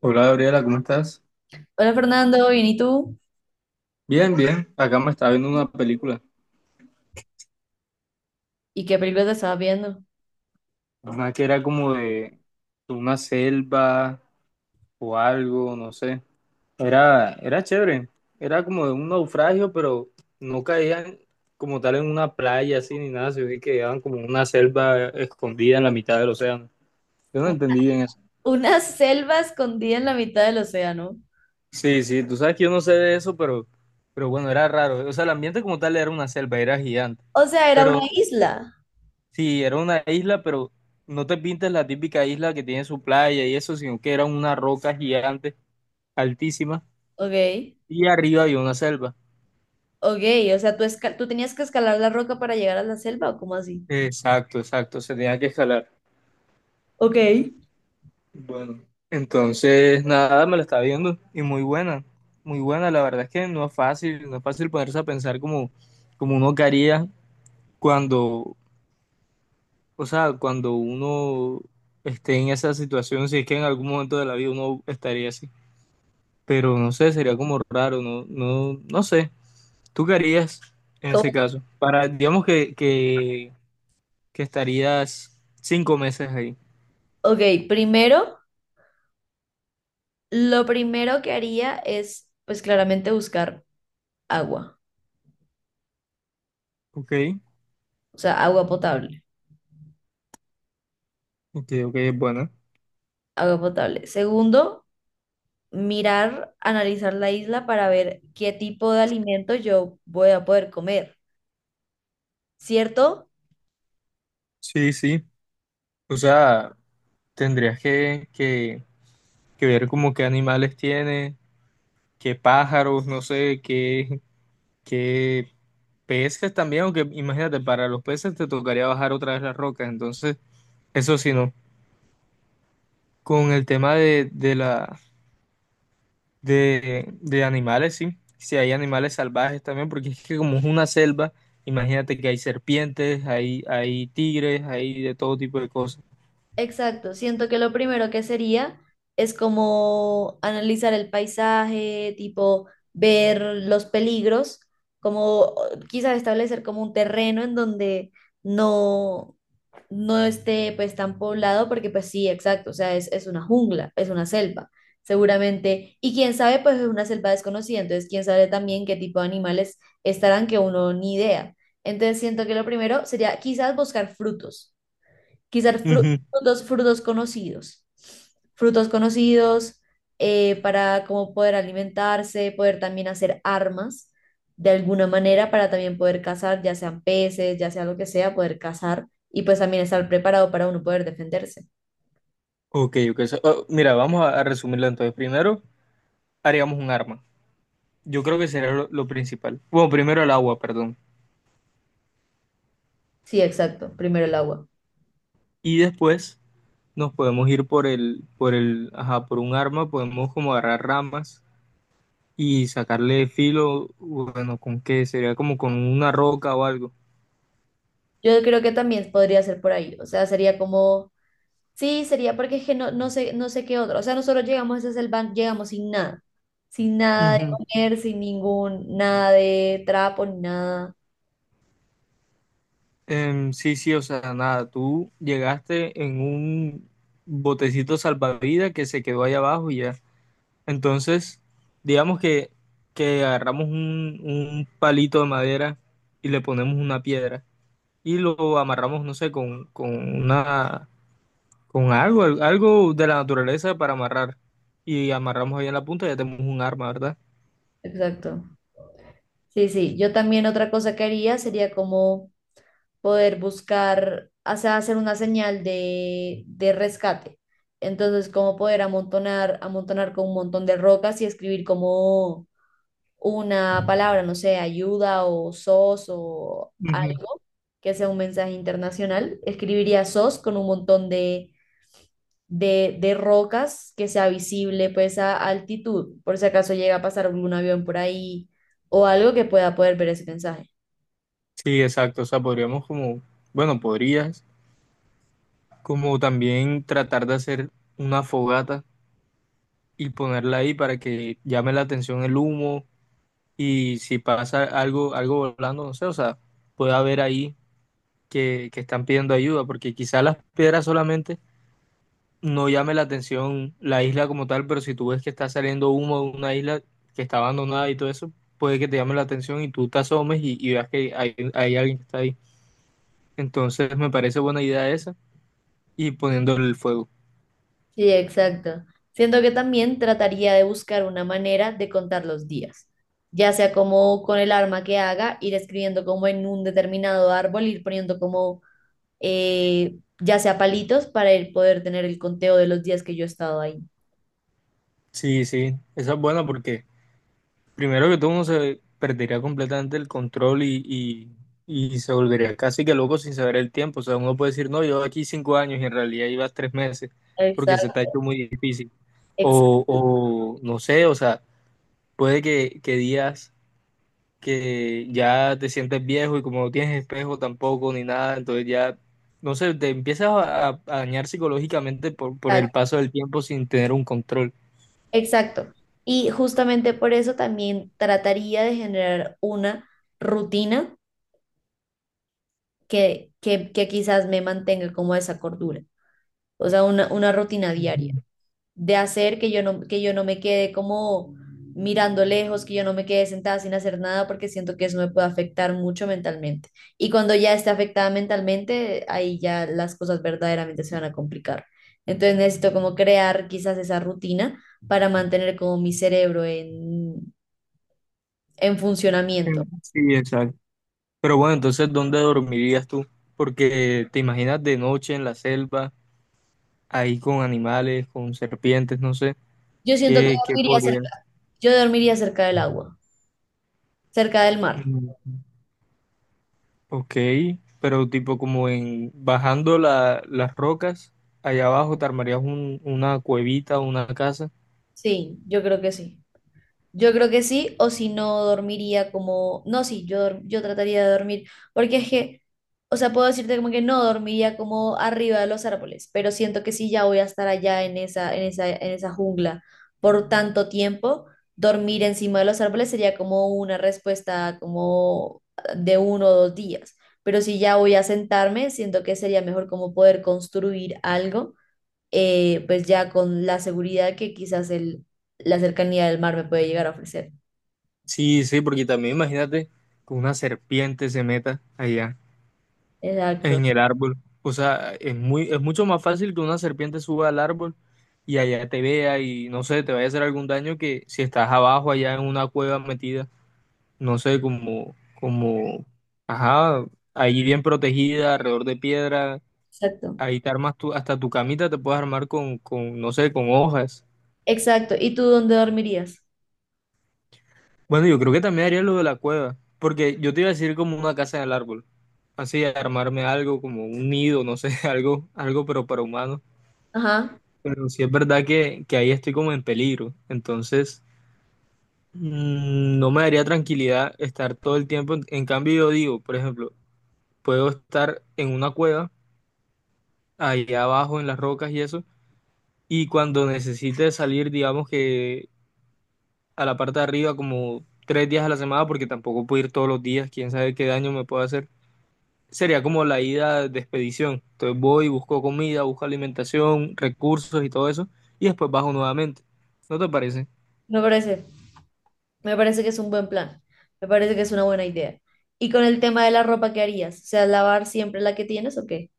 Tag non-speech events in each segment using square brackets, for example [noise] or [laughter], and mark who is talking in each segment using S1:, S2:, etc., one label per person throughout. S1: Hola Gabriela, ¿cómo estás?
S2: Hola Fernando, bien, ¿y tú?
S1: Bien, bien. Acá me estaba viendo una película.
S2: ¿Y qué película te estabas viendo?
S1: Una que era como de una selva o algo, no sé. Era chévere. Era como de un naufragio, pero no caían como tal en una playa así ni nada, sino que quedaban como en una selva escondida en la mitad del océano. Yo no
S2: U-
S1: entendí bien eso.
S2: Una selva escondida en la mitad del océano.
S1: Sí, sí, tú sabes que yo no sé de eso, pero bueno, era raro. O sea, el ambiente como tal era una selva, era gigante.
S2: O sea, era una
S1: Pero
S2: isla.
S1: Sí, era una isla, pero no te pintes la típica isla que tiene su playa y eso, sino que era una roca gigante, altísima,
S2: Ok,
S1: y arriba había una selva.
S2: ok, o sea, ¿tú tenías que escalar la roca para llegar a la selva o cómo así?
S1: Exacto, exacto, se tenía que escalar.
S2: Ok.
S1: Bueno, entonces nada, me la estaba viendo y muy buena, muy buena. La verdad es que no es fácil, no es fácil ponerse a pensar como uno que haría cuando, o sea, cuando uno esté en esa situación, si es que en algún momento de la vida uno estaría así. Pero no sé, sería como raro, no, no, no sé. ¿Tú qué harías en ese
S2: ¿Cómo?
S1: caso? Para, digamos que estarías 5 meses ahí.
S2: Ok, primero, lo primero que haría es, pues claramente buscar agua,
S1: Ok,
S2: o sea, agua potable,
S1: ok, ok, bueno.
S2: agua potable. Segundo, mirar, analizar la isla para ver qué tipo de alimento yo voy a poder comer, ¿cierto?
S1: Sí, sí. O sea, tendrías que ver como qué animales tiene, qué pájaros, no sé, qué peces también, aunque imagínate, para los peces te tocaría bajar otra vez las rocas, entonces, eso sí no. Con el tema de la de animales, sí. Si hay animales salvajes también, porque es que como es una selva, imagínate que hay serpientes, hay tigres, hay de todo tipo de cosas.
S2: Exacto, siento que lo primero que sería es como analizar el paisaje, tipo ver los peligros, como quizás establecer como un terreno en donde no, no esté pues tan poblado, porque pues sí, exacto, o sea, es una jungla, es una selva, seguramente, y quién sabe, pues es una selva desconocida, entonces quién sabe también qué tipo de animales estarán que uno ni idea. Entonces siento que lo primero sería quizás buscar Quizás fru-
S1: Ujú.
S2: frutos, frutos conocidos. Frutos conocidos para como poder alimentarse, poder también hacer armas de alguna manera para también poder cazar, ya sean peces, ya sea lo que sea, poder cazar y pues también estar preparado para uno poder defenderse.
S1: Ok, ok. Oh, mira, vamos a resumirlo entonces. Primero, haríamos un arma. Yo creo que sería lo principal. Bueno, primero el agua, perdón.
S2: Sí, exacto. Primero el agua.
S1: Y después nos podemos ir ajá, por un arma, podemos como agarrar ramas y sacarle filo, bueno, ¿con qué? Sería como con una roca o algo.
S2: Yo creo que también podría ser por ahí. O sea, sería como. Sí, sería porque es que no, no sé, no sé qué otro. O sea, nosotros llegamos a esa selva, llegamos sin nada. Sin nada de
S1: Ujú.
S2: comer, sin ningún, nada de trapo, ni nada.
S1: Sí, sí, o sea, nada, tú llegaste en un botecito salvavidas que se quedó ahí abajo y ya. Entonces, digamos que agarramos un palito de madera y le ponemos una piedra y lo amarramos, no sé, una, con algo, algo de la naturaleza para amarrar. Y amarramos ahí en la punta y ya tenemos un arma, ¿verdad?
S2: Exacto. Sí, sí. Yo también otra cosa que haría sería como poder buscar, o sea, hacer una señal de rescate. Entonces, como poder amontonar, amontonar con un montón de rocas y escribir como una palabra, no sé, ayuda o SOS o
S1: Ujú.
S2: algo que sea un mensaje internacional, escribiría SOS con un montón de rocas que sea visible pues a altitud, por si acaso llega a pasar algún avión por ahí o algo que pueda poder ver ese mensaje.
S1: Sí, exacto. O sea, bueno, podrías como también tratar de hacer una fogata y ponerla ahí para que llame la atención el humo y si pasa algo volando, no sé, o sea, puede haber ahí que están pidiendo ayuda, porque quizás las piedras solamente no llame la atención la isla como tal, pero si tú ves que está saliendo humo de una isla que está abandonada y todo eso, puede que te llame la atención y tú te asomes y veas que hay alguien que está ahí. Entonces me parece buena idea esa y poniendo el fuego.
S2: Sí, exacto. Siento que también trataría de buscar una manera de contar los días, ya sea como con el arma que haga, ir escribiendo como en un determinado árbol, ir poniendo como ya sea palitos, poder tener el conteo de los días que yo he estado ahí.
S1: Sí, sí, esa es buena porque primero que todo, uno se perdería completamente el control y se volvería casi que loco sin saber el tiempo. O sea, uno puede decir, no, yo aquí 5 años y en realidad ibas 3 meses porque se te ha
S2: Exacto,
S1: hecho muy difícil. O no sé, o sea, puede que días que ya te sientes viejo y como no tienes espejo tampoco ni nada, entonces ya, no sé, te empiezas a dañar psicológicamente por el
S2: exacto,
S1: paso del tiempo sin tener un control.
S2: exacto. Y justamente por eso también trataría de generar una rutina que quizás me mantenga como a esa cordura, o sea, una rutina
S1: Ujú.
S2: diaria. De hacer, que yo no me quede como mirando lejos, que yo no me quede sentada sin hacer nada, porque siento que eso me puede afectar mucho mentalmente. Y cuando ya esté afectada mentalmente, ahí ya las cosas verdaderamente se van a complicar. Entonces necesito como crear quizás esa rutina para mantener como mi cerebro en funcionamiento.
S1: Sí, exacto. Pero bueno, entonces, ¿dónde dormirías tú? Porque te imaginas de noche en la selva, ahí con animales, con serpientes, no sé,
S2: Yo siento que
S1: ¿qué
S2: dormiría
S1: podrías?
S2: cerca, yo dormiría cerca del agua, cerca del mar.
S1: Mm, ok, pero tipo como en bajando las rocas, allá abajo te armarías una cuevita, una casa.
S2: Sí, yo creo que sí. Yo creo que sí, o si no dormiría como, no, sí, yo trataría de dormir, porque es que, o sea, puedo decirte como que no dormiría como arriba de los árboles, pero siento que sí ya voy a estar allá en esa jungla por tanto tiempo, dormir encima de los árboles sería como una respuesta como de uno o dos días, pero si ya voy a sentarme, siento que sería mejor como poder construir algo pues ya con la seguridad que quizás la cercanía del mar me puede llegar a ofrecer.
S1: Sí, sí, porque también imagínate que una serpiente se meta allá
S2: Exacto,
S1: en el árbol. O sea, es mucho más fácil que una serpiente suba al árbol y allá te vea y no sé, te vaya a hacer algún daño que si estás abajo allá en una cueva metida, no sé, como, ajá, ahí bien protegida, alrededor de piedra,
S2: exacto,
S1: ahí te armas tú, hasta tu camita te puedes armar no sé, con hojas.
S2: exacto. ¿Y tú dónde dormirías?
S1: Bueno, yo creo que también haría lo de la cueva, porque yo te iba a decir como una casa en el árbol, así armarme algo, como un nido, no sé, [laughs] algo pero para humanos.
S2: Ajá,
S1: Pero sí es verdad que ahí estoy como en peligro, entonces. No me daría tranquilidad estar todo el tiempo. En cambio, yo digo, por ejemplo, puedo estar en una cueva, allá abajo en las rocas y eso, y cuando necesite salir, digamos que a la parte de arriba, como 3 días a la semana, porque tampoco puedo ir todos los días, quién sabe qué daño me puedo hacer. Sería como la ida de expedición. Entonces voy, busco comida, busco alimentación, recursos y todo eso, y después bajo nuevamente. ¿No te parece?
S2: me parece, me parece que es un buen plan, me parece que es una buena idea. ¿Y con el tema de la ropa qué harías? O sea, ¿lavar siempre la que tienes o qué?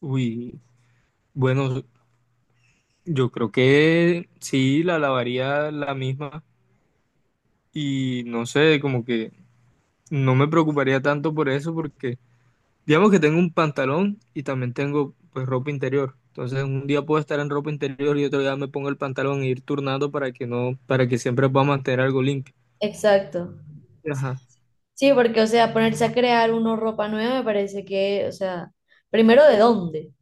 S1: Uy, bueno, yo creo que sí, la lavaría la misma y no sé, como que no me preocuparía tanto por eso porque digamos que tengo un pantalón y también tengo pues ropa interior. Entonces un día puedo estar en ropa interior y otro día me pongo el pantalón e ir turnando para que no, para que siempre pueda mantener algo limpio.
S2: Exacto.
S1: Ajá.
S2: Sí, porque, o sea, ponerse a crear una ropa nueva me parece que, o sea, primero de dónde.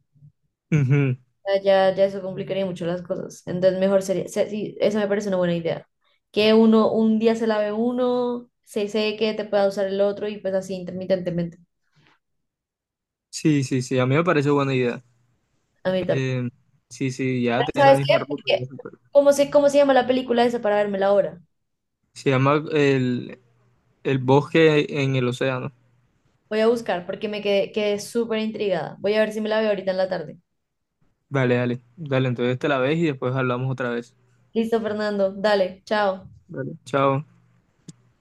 S1: Ujú.
S2: Sea, ya eso complicaría mucho las cosas. Entonces, mejor sería, sí, esa me parece una buena idea. Que uno, un día se lave uno, se seque, te pueda usar el otro y pues así intermitentemente.
S1: Sí, sí, sí, a mí me parece buena idea.
S2: A mí también.
S1: Eh, sí, sí, ya
S2: Pero
S1: tener la
S2: ¿sabes qué?
S1: misma ropa. Ya
S2: Porque
S1: es.
S2: ¿cómo sé cómo se llama la película esa para vérmela ahora?
S1: Se llama el bosque en el océano.
S2: Voy a buscar porque quedé súper intrigada. Voy a ver si me la veo ahorita en la tarde.
S1: Dale, dale, dale, entonces te la ves y después hablamos otra vez.
S2: Listo, Fernando. Dale, chao.
S1: Dale, chao.